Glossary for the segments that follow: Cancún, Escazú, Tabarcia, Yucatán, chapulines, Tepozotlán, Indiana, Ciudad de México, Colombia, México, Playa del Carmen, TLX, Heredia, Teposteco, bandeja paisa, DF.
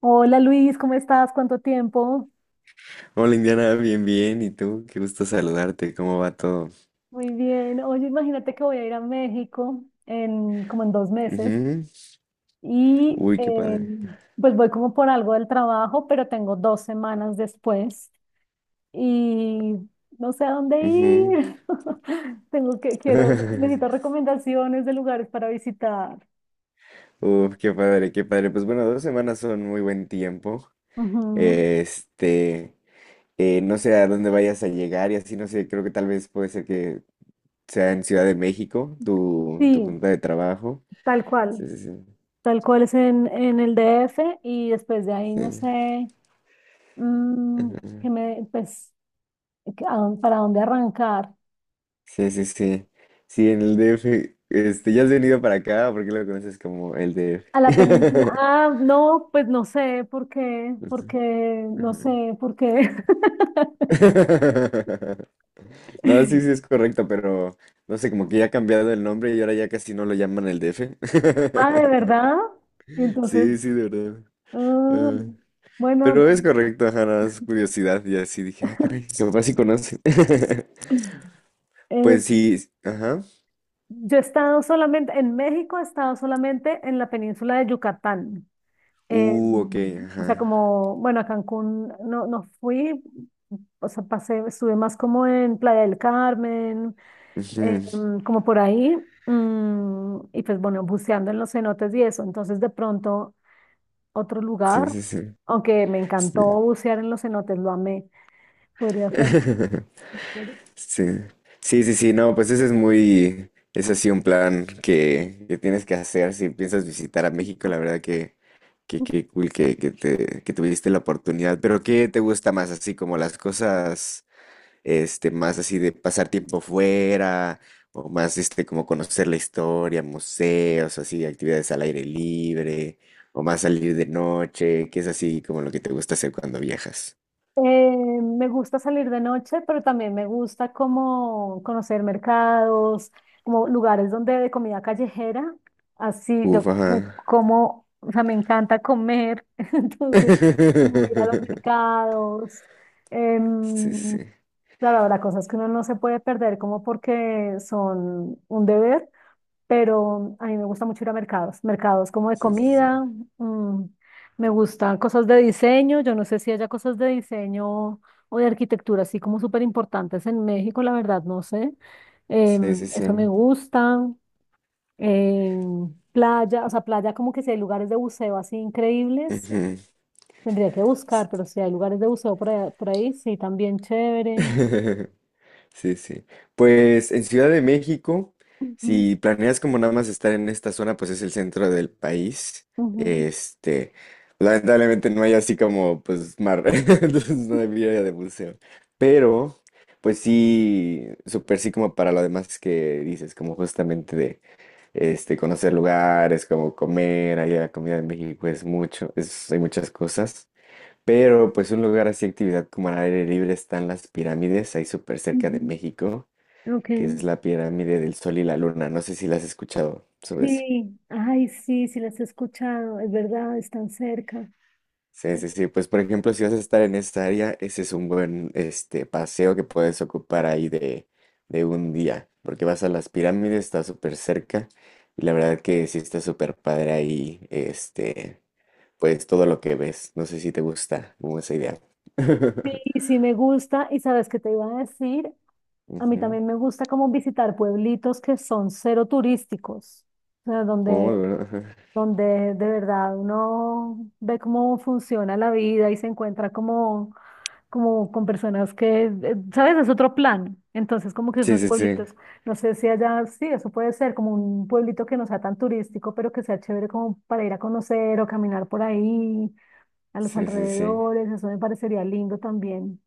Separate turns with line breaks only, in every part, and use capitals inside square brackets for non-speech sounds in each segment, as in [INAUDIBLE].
Hola Luis, ¿cómo estás? ¿Cuánto tiempo?
Hola Indiana, bien, bien. ¿Y tú? Qué gusto saludarte. ¿Cómo va todo?
Muy bien. Oye, imagínate que voy a ir a México en como en dos meses
Ujú.
y
Uy, qué padre.
pues voy como por algo del trabajo, pero tengo dos semanas después y no sé a dónde
Ujú.
ir. [LAUGHS] Necesito
[LAUGHS]
recomendaciones de lugares para visitar.
Uf, qué padre, qué padre. Pues bueno, 2 semanas son muy buen tiempo.
Ujú.
Este, no sé a dónde vayas a llegar y así, no sé, creo que tal vez puede ser que sea en Ciudad de México, tu
Sí,
junta de trabajo.
tal cual,
Sí, sí, sí.
tal cual es en el DF y después de ahí
Sí,
no sé. Mm, que
ajá.
me, pues que Para dónde arrancar?
Sí, sí. Sí, sí, en el DF. Este, ¿ya has venido para acá? ¿Por qué lo conoces como el
A la península.
DF?
Ah, no, pues no sé por qué, porque
[LAUGHS]
no
Ujú.
sé por qué.
[LAUGHS] No, sí, sí es
[LAUGHS]
correcto, pero no sé, como que ya ha cambiado el nombre y ahora ya casi no lo llaman el DF. [LAUGHS]
Ah, ¿de verdad? Y entonces,
Sí, sí, de verdad.
ah,
Ah,
bueno,
pero es
de-
correcto, ajá, nada más curiosidad y así dije, ah, caray, mi papá sí conoce. [LAUGHS]
eh,
Pues sí, ajá.
yo he estado solamente, en México he estado solamente en la península de Yucatán. Eh,
Ok,
o sea,
ajá.
como, bueno, a Cancún no fui, o sea, pasé, estuve más como en Playa del Carmen,
Ujú.
como por ahí, y pues bueno, buceando en los cenotes y eso. Entonces de pronto otro
Sí,
lugar,
sí, sí.
aunque me
Sí.
encantó bucear en los cenotes, lo amé, podría hacer.
[LAUGHS] Sí. Sí, sí, sí, no, pues ese es muy, es así un plan que tienes que hacer si piensas visitar a México, la verdad que... Qué cool que tuviste la oportunidad, pero ¿qué te gusta más? Así como las cosas, este, más así de pasar tiempo fuera, o más este, como conocer la historia, museos, así, actividades al aire libre, o más salir de noche, qué es así como lo que te gusta hacer cuando viajas.
Eh, Me gusta salir de noche, pero también me gusta como conocer mercados, como lugares donde de comida callejera. Así yo
Uf,
me
ajá.
como, o sea, me encanta comer, [LAUGHS] entonces como ir a los
[LAUGHS]
mercados.
Sí,
Em,
sí,
Claro, habrá cosas que uno no se puede perder como porque son un deber, pero a mí me gusta mucho ir a mercados, mercados como de
sí, sí,
comida. Mm, me gustan cosas de diseño, yo no sé si haya cosas de diseño o de arquitectura así como súper importantes en México, la verdad, no sé.
sí,
Em,
sí, sí, sí.
eso me gusta. Em, playa, o sea, playa como que si hay lugares de buceo así increíbles,
Ujú.
tendría que buscar, pero si hay lugares de buceo por ahí sí, también chévere.
[LAUGHS] Sí, sí. Pues en Ciudad de México,
Ujú,
si planeas como nada más estar en esta zona, pues es el centro del país.
ujú.
Este, lamentablemente no hay así como pues mar, [LAUGHS] entonces no había de museo. Pero, pues sí, súper sí como para lo demás que dices, como justamente de este conocer lugares, como comer, allá la comida en México es mucho, es, hay muchas cosas. Pero pues un lugar así, actividad como al aire libre están las pirámides, ahí súper cerca de
Ujú,
México,
ok,
que es la pirámide del Sol y la Luna. No sé si la has escuchado sobre eso.
sí, ay, sí, sí las he escuchado, es verdad, están cerca.
Sí, sí, sí. Pues por ejemplo, si vas a estar en esta área, ese es un buen este paseo que puedes ocupar ahí de, un día, porque vas a las pirámides, está súper cerca, y la verdad que sí está súper padre ahí, este, pues todo lo que ves. No sé si te gusta como esa idea. [LAUGHS]
Sí, sí me gusta, y sabes qué te iba a decir, a mí
Ujú.
también me gusta como visitar pueblitos que son cero turísticos, o sea,
Oh,
donde,
bueno, ajá.
donde de verdad uno ve cómo funciona la vida y se encuentra como con personas que, ¿sabes? Es otro plan. Entonces, como que
Sí,
esos
sí, sí.
pueblitos, no sé si allá, sí, eso puede ser como un pueblito que no sea tan turístico, pero que sea chévere como para ir a conocer o caminar por ahí, a los
Sí, sí, sí.
alrededores, eso me parecería lindo también.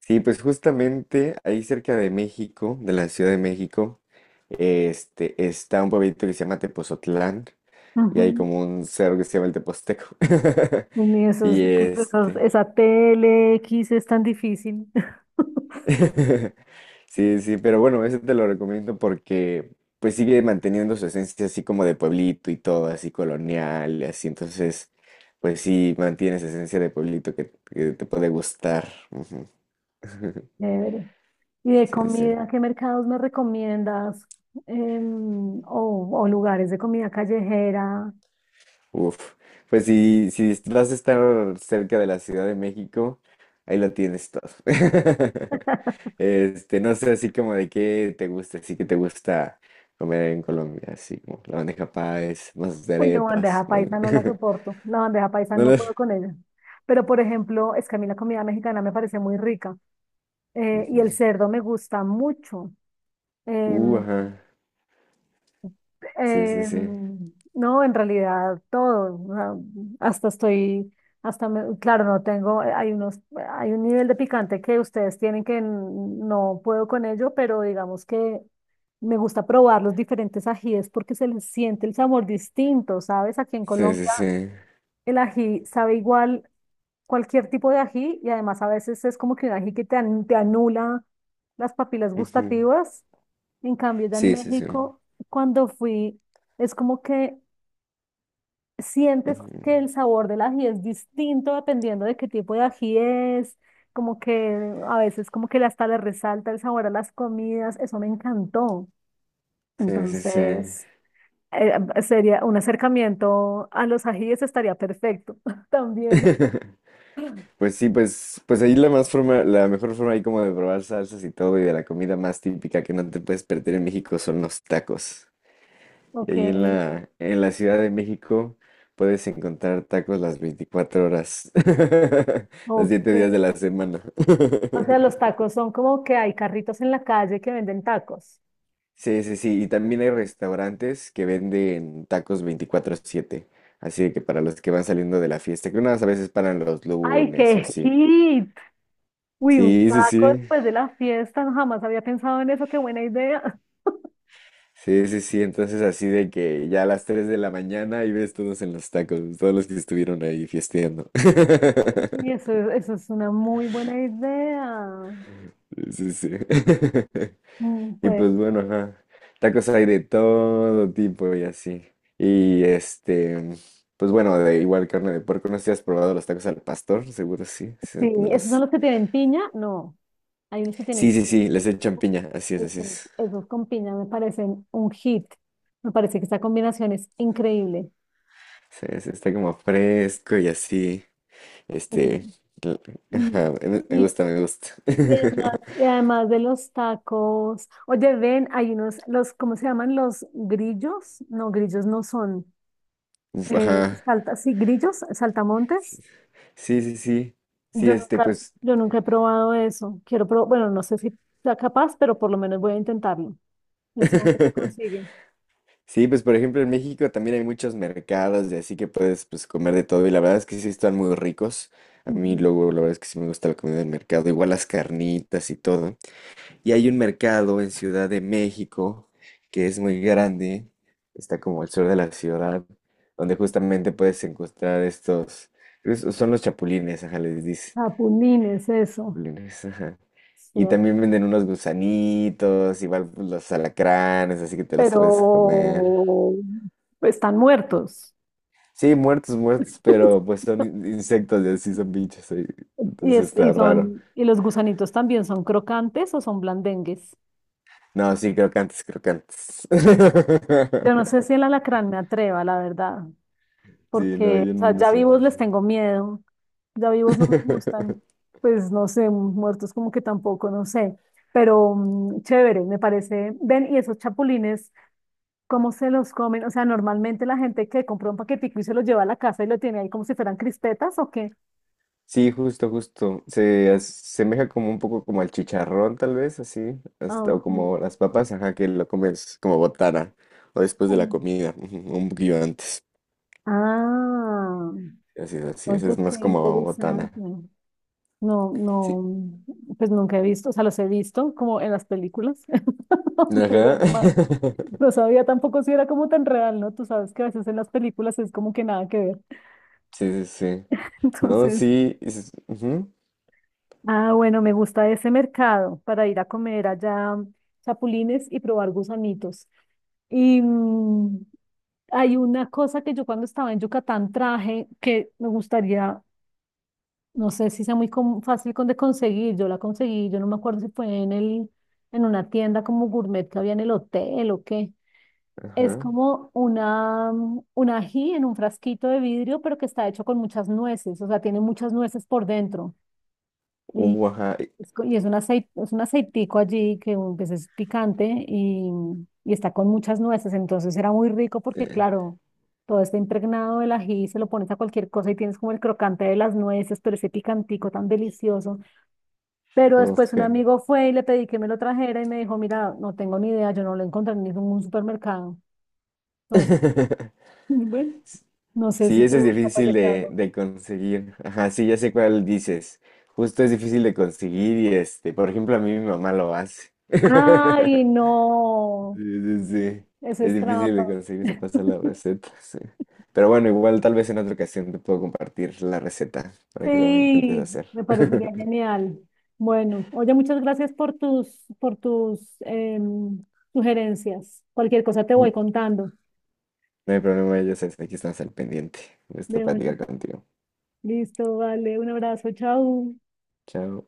Sí, pues justamente ahí cerca de México, de la Ciudad de México, este, está un pueblito que se llama Tepozotlán y hay
Ujú.
como un cerro que se llama el Teposteco. [LAUGHS]
Y
Y este,
esa TLX es tan difícil. [LAUGHS]
[LAUGHS] sí, sí, pero bueno, ese te lo recomiendo porque pues sigue manteniendo su esencia así como de pueblito y todo, así colonial y así. Entonces, pues sí, mantiene esa esencia de pueblito que, te puede gustar. Ujú. [LAUGHS]
Chévere. ¿Y de
Sí, sí.
comida, qué mercados me recomiendas? O lugares de comida callejera.
Uf, pues si vas a estar cerca de la Ciudad de México, ahí lo tienes todo. [LAUGHS] Este, no sé así como de qué te gusta, así que te gusta comer en Colombia, así como la bandeja paes, más de
Uy, no,
arepas,
bandeja
no
paisa no la
sé. [LAUGHS]
soporto. La bandeja paisa
No
no
lo-
puedo con ella. Pero, por ejemplo, es que a mí la comida mexicana me parece muy rica. Y
Ujú.
el cerdo me gusta mucho. Em,
Ajá. Sí, sí, sí.
em, no, en realidad todo. O sea, hasta estoy, hasta me- claro, no tengo, hay un nivel de picante que ustedes tienen no puedo con ello, pero digamos que me gusta probar los diferentes ajíes porque se les siente el sabor distinto, ¿sabes? Aquí en
Sí, sí,
Colombia.
sí.
El ají sabe igual cualquier tipo de ají y además a veces es como que un ají que te anula las papilas
Ujú.
gustativas. En cambio, ya en
Sí, sí, sí.
México, cuando fui, es como que sientes
Ujú.
que el sabor del ají es distinto dependiendo de qué tipo de ají es, como que a veces como que hasta le resalta el sabor a las comidas. Eso me encantó.
Sí, sí, sí.
Entonces, sería un acercamiento a los ajíes, estaría perfecto [LAUGHS] también.
[LAUGHS] Pues sí, pues ahí la más forma, la mejor forma ahí como de probar salsas y todo y de la comida más típica que no te puedes perder en México son los tacos. Y
Ok.
ahí en la Ciudad de México puedes encontrar tacos las 24 horas, [LAUGHS] los
Ok.
7 días de la semana. [LAUGHS]
O sea, los tacos son como que hay carritos en la calle que venden tacos.
Sí, sí, sí. Y también hay restaurantes que venden tacos 24/7. Así de que para los que van saliendo de la fiesta, que unas a veces paran los
¡Ay,
lunes o
qué
así.
hit! Uy, un
Sí, sí,
taco
sí.
después de la fiesta, no, jamás había pensado en eso, qué buena idea.
Sí, sí, sí, entonces así de que ya a las 3 de la mañana y ves todos en los tacos, todos los que estuvieron ahí fiesteando.
[LAUGHS] Y
[LAUGHS]
eso, eso es una muy buena idea.
Sí, sí. [LAUGHS]
Mm,
Y
pues
pues bueno, ajá, tacos hay de todo tipo y así. Y este, pues bueno, de igual carne de puerco, no sé si has probado los tacos al pastor, seguro sí. Sí,
sí,
de
¿esos son
los...
los que tienen piña? No, hay unos que tienen
sí,
piña.
sí, sí, les echan piña, así es, así es.
Esos con piña me parecen un hit. Me parece que esta combinación es increíble.
Sí, sí, está como fresco y así.
Ujú.
Este, l-
Mm,
ajá, me
Y,
gusta, me gusta.
y además,
[LAUGHS]
y además de los tacos, oye, ven, hay unos, los, ¿cómo se llaman? Los grillos. No, grillos no son.
Uf,
Eh,
ajá.
sí, grillos, saltamontes.
Sí, sí, sí. Sí, este, pues.
Yo nunca he probado eso. Quiero probar, bueno, no sé si sea capaz, pero por lo menos voy a intentarlo. Eso no se
[LAUGHS]
consigue.
Sí, pues por ejemplo en México también hay muchos mercados y así que puedes pues comer de todo y la verdad es que sí están muy ricos. A mí
Ujú.
luego la verdad es que sí me gusta la comida del mercado, igual las carnitas y todo. Y hay un mercado en Ciudad de México que es muy grande, está como al sur de la ciudad, donde justamente puedes encontrar estos, son los chapulines, ajá, les dice.
Chapulines, eso.
Lunes, ajá. Y
Cierto.
también venden unos gusanitos, igual pues, los alacranes, así que te los puedes comer.
Pero están muertos.
Sí, muertos, muertos, pero pues son insectos y así son bichos ahí.
Y,
Entonces
y
está raro.
son, y los gusanitos también son crocantes o son blandengues.
No, sí, crocantes, crocantes.
Yo no sé
[LAUGHS]
si el alacrán me atreva, la verdad,
Sí, no,
porque,
yo
o sea,
no
ya
sé.
vivos les tengo miedo, ya vivos no me gustan,
[LAUGHS]
pues no sé, muertos como que tampoco, no sé, pero mm, chévere, me parece. Ven, y esos chapulines, ¿cómo se los comen? O sea, normalmente la gente que compra un paquetico y se los lleva a la casa y lo tiene ahí como si fueran crispetas, ¿o qué?
Sí, justo, justo. Se asemeja como un poco como al chicharrón, tal vez, así.
Ah,
Hasta, o
ok.
como las papas, ajá, que lo comes como botana. O después de la comida, ujú, un poquillo antes.
Ah,
Así
oye,
es
qué
más como botana.
interesante. No,
Sí.
no, pues nunca he visto, o sea, los he visto como en las películas, [LAUGHS] pero
Ajá.
no más.
[LAUGHS]
No sabía tampoco si era como tan real, ¿no? Tú sabes que a veces en las películas es como que nada que ver.
Sí, sí, sí.
[LAUGHS]
No,
Entonces,
sí. Ujú.
bueno, me gusta ese mercado para ir a comer allá mm, chapulines y probar gusanitos. Y mm, hay una cosa que yo cuando estaba en Yucatán traje que me gustaría. No sé si sea muy fácil con de conseguir. Yo la conseguí, yo no me acuerdo si fue en una tienda como gourmet que había en el hotel o qué. Es
Ajá.
como una, mm, un ají en un frasquito de vidrio, pero que está hecho con muchas nueces, o sea, tiene muchas nueces por dentro. Y
Ajá.
es, y es un aceite, es un aceitico allí que mm, pues, es picante y, mm, y está con muchas nueces. Entonces era muy rico porque,
Eh,
claro, todo está impregnado del ají, se lo pones a cualquier cosa y tienes como el crocante de las nueces, pero ese picantico tan delicioso. Pero
uf,
después un
qué.
amigo fue y le pedí que me lo trajera y me dijo, mira, no tengo ni idea, yo no lo encontré en ningún supermercado. Entonces,
[LAUGHS]
[LAUGHS] bueno, no sé
Sí,
si
ese es
tú sabes
difícil
de qué
de,
hablo.
conseguir. Ajá, sí, ya sé cuál dices. Justo es difícil de conseguir y este, por ejemplo, a mí mi mamá lo hace. [LAUGHS]
Ay,
Sí,
no,
sí, sí.
eso
Es
es
difícil de
trampa.
conseguir, se pasa la receta. Sí. Pero bueno, igual tal vez en otra ocasión te puedo compartir la receta para que lo intentes
Sí,
hacer.
me parecería
[LAUGHS]
genial. Bueno, oye, muchas gracias por tus, por tus sugerencias. Cualquier cosa te voy contando.
No hay problema, ya sabes, aquí estamos al pendiente. Me gusta
De bueno,
platicar contigo.
listo, vale, un abrazo, chao.
Chao.